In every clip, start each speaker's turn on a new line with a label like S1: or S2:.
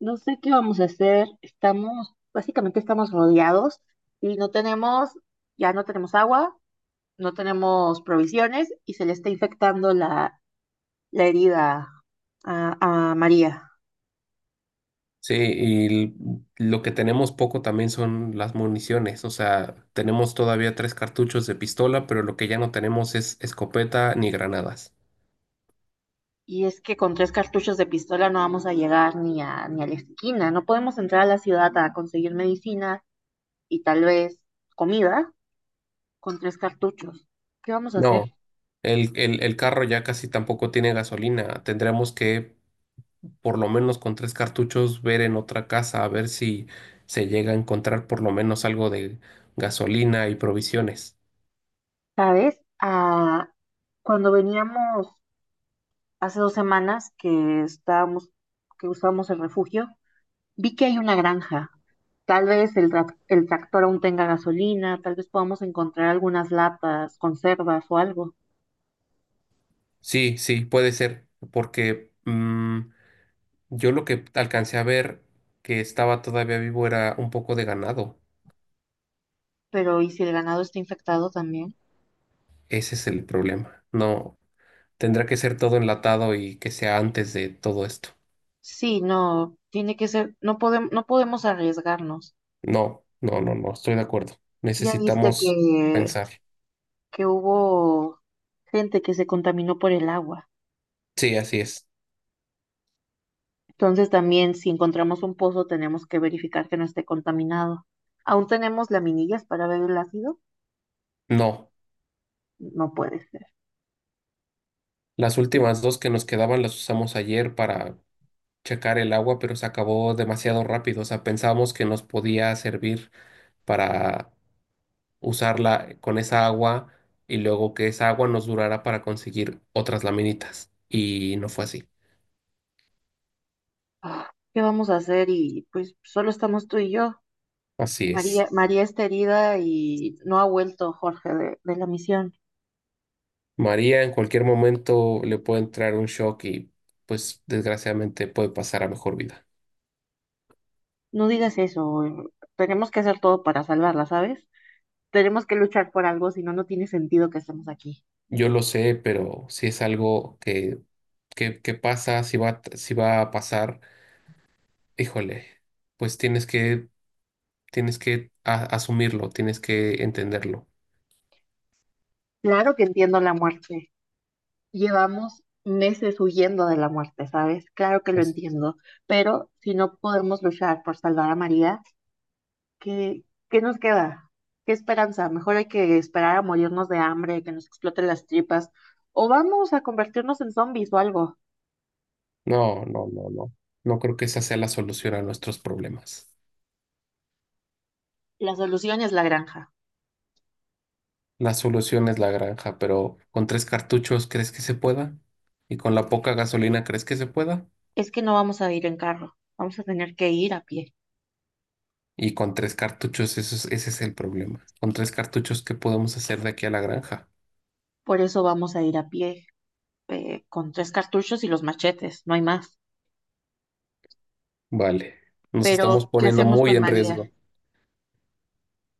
S1: No sé qué vamos a hacer. Básicamente, estamos rodeados y ya no tenemos agua, no tenemos provisiones y se le está infectando la herida a María.
S2: Sí, lo que tenemos poco también son las municiones, o sea, tenemos todavía tres cartuchos de pistola, pero lo que ya no tenemos es escopeta ni granadas.
S1: Y es que con tres cartuchos de pistola no vamos a llegar ni a la esquina. No podemos entrar a la ciudad a conseguir medicina y tal vez comida con tres cartuchos. ¿Qué vamos a hacer?
S2: No, el carro ya casi tampoco tiene gasolina, tendremos que, por lo menos con tres cartuchos, ver en otra casa a ver si se llega a encontrar por lo menos algo de gasolina y provisiones.
S1: ¿Sabes? Ah, cuando veníamos hace 2 semanas que que usamos el refugio, vi que hay una granja. Tal vez el tractor aún tenga gasolina, tal vez podamos encontrar algunas latas, conservas o algo.
S2: Sí, sí, puede ser, porque... mm, yo lo que alcancé a ver que estaba todavía vivo era un poco de ganado.
S1: Pero ¿y si el ganado está infectado también?
S2: Ese es el problema. No, tendrá que ser todo enlatado y que sea antes de todo esto.
S1: Sí, no, tiene que ser, no podemos, no podemos arriesgarnos.
S2: No, no, no, no, estoy de acuerdo.
S1: Ya viste
S2: Necesitamos pensar.
S1: que hubo gente que se contaminó por el agua.
S2: Sí, así es.
S1: Entonces también si encontramos un pozo tenemos que verificar que no esté contaminado. ¿Aún tenemos laminillas para ver el ácido?
S2: No,
S1: No puede ser.
S2: las últimas dos que nos quedaban las usamos ayer para checar el agua, pero se acabó demasiado rápido. O sea, pensábamos que nos podía servir para usarla con esa agua y luego que esa agua nos durara para conseguir otras laminitas. Y no fue así.
S1: Ah, ¿qué vamos a hacer? Y pues solo estamos tú y yo.
S2: Así es.
S1: María, María está herida y no ha vuelto Jorge de la misión.
S2: María en cualquier momento le puede entrar un shock y pues desgraciadamente puede pasar a mejor vida.
S1: No digas eso. Tenemos que hacer todo para salvarla, ¿sabes? Tenemos que luchar por algo, si no, no tiene sentido que estemos aquí.
S2: Yo lo sé, pero si es algo que pasa, si va, si va a pasar, híjole, pues tienes que asumirlo, tienes que entenderlo.
S1: Claro que entiendo la muerte. Llevamos meses huyendo de la muerte, ¿sabes? Claro que lo
S2: Pues,
S1: entiendo, pero si no podemos luchar por salvar a María, ¿qué, ¿qué nos queda? ¿Qué esperanza? Mejor hay que esperar a morirnos de hambre, que nos exploten las tripas, o vamos a convertirnos en zombies o algo.
S2: no, no, no, no. No creo que esa sea la solución a nuestros problemas.
S1: La solución es la granja.
S2: La solución es la granja, pero con tres cartuchos, ¿crees que se pueda? Y con la poca gasolina, ¿crees que se pueda?
S1: Es que no vamos a ir en carro, vamos a tener que ir a pie.
S2: Y con tres cartuchos, ese es el problema. Con tres cartuchos, ¿qué podemos hacer de aquí a la granja?
S1: Por eso vamos a ir a pie, con tres cartuchos y los machetes, no hay más.
S2: Vale, nos estamos
S1: Pero ¿qué
S2: poniendo
S1: hacemos
S2: muy
S1: con
S2: en
S1: María?
S2: riesgo.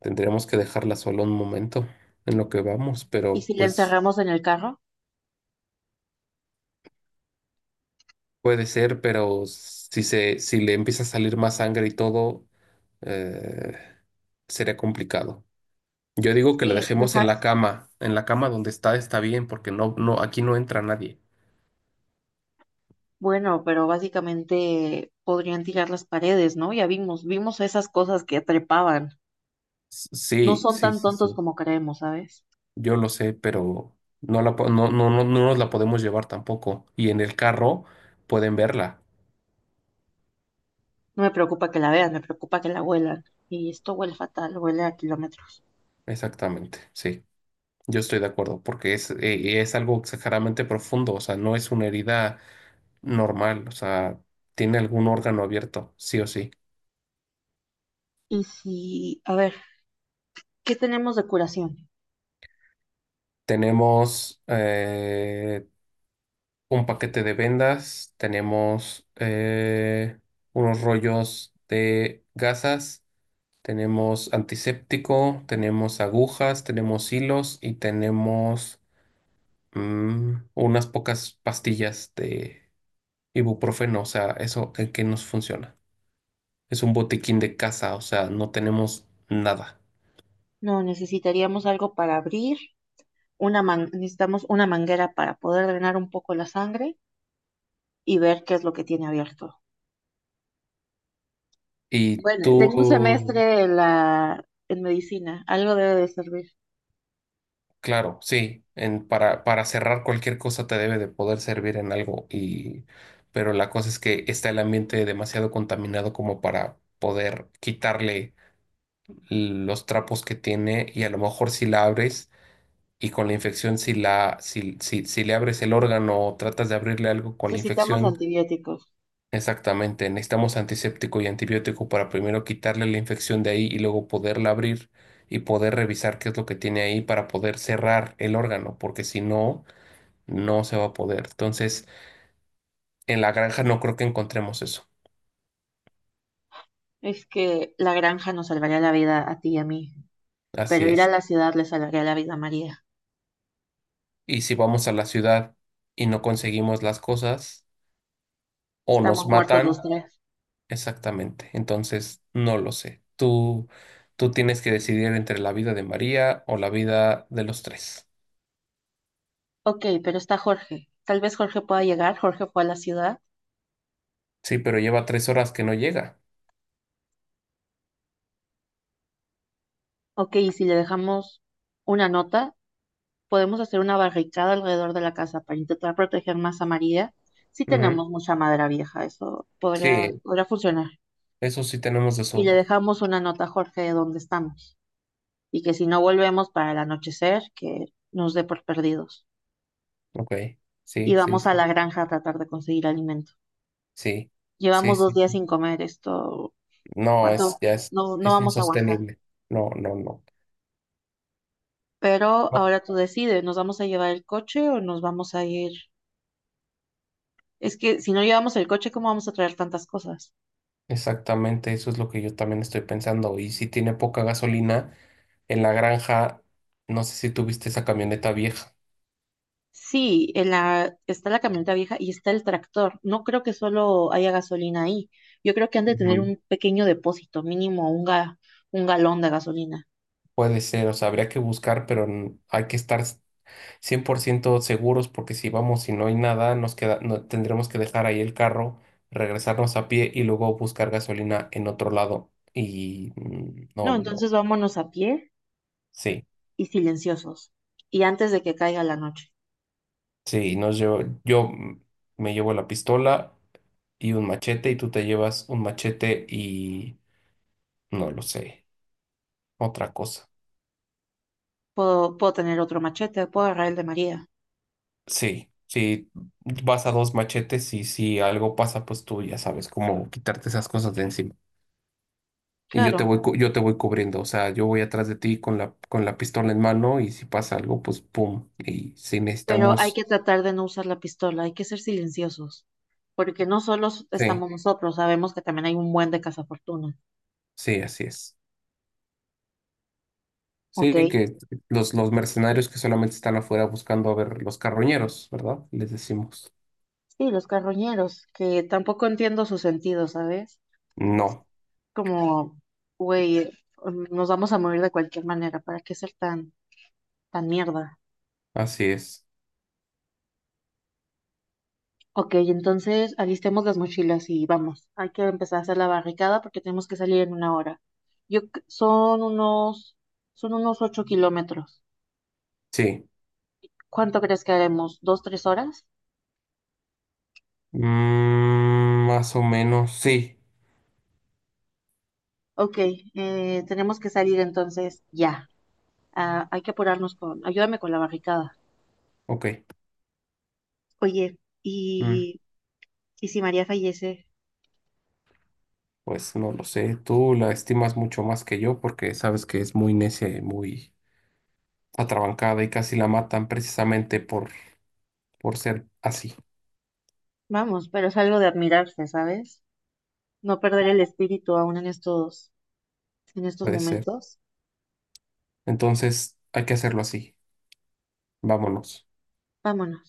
S2: Tendremos que dejarla sola un momento en lo que vamos,
S1: ¿Y
S2: pero
S1: si la
S2: pues
S1: encerramos en el carro?
S2: puede ser, pero si se, si le empieza a salir más sangre y todo, eh, sería complicado. Yo digo
S1: Es
S2: que la
S1: que,
S2: dejemos
S1: deja-
S2: en la cama donde está está bien, porque no, no, aquí no entra nadie.
S1: bueno, pero básicamente podrían tirar las paredes, ¿no? Ya vimos esas cosas que trepaban. No
S2: Sí,
S1: son
S2: sí,
S1: tan
S2: sí,
S1: tontos
S2: sí.
S1: como creemos, ¿sabes?
S2: Yo lo sé, pero no la, no, no, no, no nos la podemos llevar tampoco. Y en el carro pueden verla.
S1: No me preocupa que la vean, me preocupa que la huelan. Y esto huele fatal, huele a kilómetros.
S2: Exactamente, sí. Yo estoy de acuerdo, porque es algo exageradamente profundo, o sea, no es una herida normal, o sea, tiene algún órgano abierto, sí o sí.
S1: Y si, a ver, ¿qué tenemos de curación?
S2: Tenemos, un paquete de vendas, tenemos unos rollos de gasas, tenemos antiséptico, tenemos agujas, tenemos hilos y tenemos, unas pocas pastillas de ibuprofeno, o sea, eso en qué nos funciona. Es un botiquín de casa, o sea, no tenemos nada.
S1: No, necesitaríamos algo para abrir, necesitamos una manguera para poder drenar un poco la sangre y ver qué es lo que tiene abierto.
S2: ¿Y
S1: Bueno,
S2: oh,
S1: tengo un
S2: tú
S1: semestre en en medicina, algo debe de servir.
S2: claro, sí, para cerrar cualquier cosa te debe de poder servir en algo. Y pero la cosa es que está el ambiente demasiado contaminado como para poder quitarle los trapos que tiene y a lo mejor si la abres y con la infección si la si le abres el órgano o tratas de abrirle algo con la
S1: Necesitamos
S2: infección,
S1: antibióticos.
S2: exactamente, necesitamos antiséptico y antibiótico para primero quitarle la infección de ahí y luego poderla abrir y poder revisar qué es lo que tiene ahí para poder cerrar el órgano, porque si no no se va a poder. Entonces, en la granja no creo que encontremos eso.
S1: Es que la granja nos salvaría la vida a ti y a mí,
S2: Así
S1: pero ir a
S2: es.
S1: la ciudad le salvaría la vida a María.
S2: Y si vamos a la ciudad y no conseguimos las cosas, o
S1: Estamos
S2: nos
S1: muertos los
S2: matan,
S1: tres.
S2: exactamente. Entonces, no lo sé. Tú tienes que decidir entre la vida de María o la vida de los tres.
S1: Ok, pero está Jorge. Tal vez Jorge pueda llegar. Jorge fue a la ciudad.
S2: Sí, pero lleva tres horas que no llega.
S1: Ok, y si le dejamos una nota, podemos hacer una barricada alrededor de la casa para intentar proteger más a María. Si
S2: Ujú.
S1: tenemos mucha madera vieja, eso
S2: Sí,
S1: podría funcionar.
S2: eso sí tenemos de
S1: Y le
S2: sobra.
S1: dejamos una nota a Jorge de dónde estamos. Y que si no volvemos para el anochecer, que nos dé por perdidos.
S2: Ok,
S1: Y
S2: sí, sí,
S1: vamos a
S2: sí,
S1: la granja a tratar de conseguir alimento.
S2: sí, sí,
S1: Llevamos dos
S2: sí,
S1: días
S2: sí.
S1: sin comer esto.
S2: No, es,
S1: ¿Cuánto?
S2: ya
S1: No, no
S2: es
S1: vamos a aguantar.
S2: insostenible. No, no, no.
S1: Pero
S2: No,
S1: ahora tú decides, ¿nos vamos a llevar el coche o nos vamos a ir? Es que si no llevamos el coche, ¿cómo vamos a traer tantas cosas?
S2: exactamente, eso es lo que yo también estoy pensando. Y si tiene poca gasolina, en la granja, no sé si tuviste esa camioneta vieja.
S1: Sí, en la, está la camioneta vieja y está el tractor. No creo que solo haya gasolina ahí. Yo creo que han de tener
S2: Ujú.
S1: un pequeño depósito, mínimo 1 galón de gasolina.
S2: Puede ser, o sea, habría que buscar, pero hay que estar 100% seguros porque si vamos y no hay nada, nos queda, tendremos que dejar ahí el carro, regresarnos a pie y luego buscar gasolina en otro lado. Y no,
S1: No,
S2: no,
S1: entonces vámonos a pie
S2: sí.
S1: y silenciosos. Y antes de que caiga la noche.
S2: Sí, yo, me llevo la pistola y un machete y tú te llevas un machete y no lo sé, otra cosa.
S1: Puedo tener otro machete, puedo agarrar el de María,
S2: Sí, sí, vas a dos machetes y si algo pasa, pues tú ya sabes cómo quitarte esas cosas de encima. Y yo te
S1: claro,
S2: voy, yo te voy cubriendo, o sea, yo voy atrás de ti con la pistola en mano y si pasa algo, pues pum. Y si
S1: pero hay
S2: necesitamos,
S1: que tratar de no usar la pistola, hay que ser silenciosos, porque no solo
S2: sí,
S1: estamos nosotros, sabemos que también hay un buen de cazafortuna.
S2: sí, así es.
S1: Ok,
S2: Sí,
S1: sí,
S2: que los mercenarios que solamente están afuera buscando, a ver, los carroñeros, ¿verdad? Les decimos.
S1: los carroñeros, que tampoco entiendo su sentido, ¿sabes?
S2: No,
S1: Como, güey, nos vamos a morir de cualquier manera, ¿para qué ser tan, tan mierda?
S2: así es.
S1: Ok, entonces alistemos las mochilas y vamos. Hay que empezar a hacer la barricada porque tenemos que salir en una hora. Yo, c- son unos 8 kilómetros.
S2: Sí.
S1: ¿Cuánto crees que haremos? ¿2, 3 horas?
S2: Mm, más o menos, sí.
S1: Ok, tenemos que salir entonces ya. Ah, hay que apurarnos ayúdame con la barricada.
S2: Ok.
S1: Oye,
S2: Mm,
S1: y si María fallece,
S2: pues no lo sé. Tú la estimas mucho más que yo porque sabes que es muy necia y muy atrabancada y casi la matan precisamente por ser así.
S1: vamos, pero es algo de admirarse, ¿sabes? No perder el espíritu aún en en estos
S2: Puede ser.
S1: momentos.
S2: Entonces hay que hacerlo así. Vámonos.
S1: Vámonos.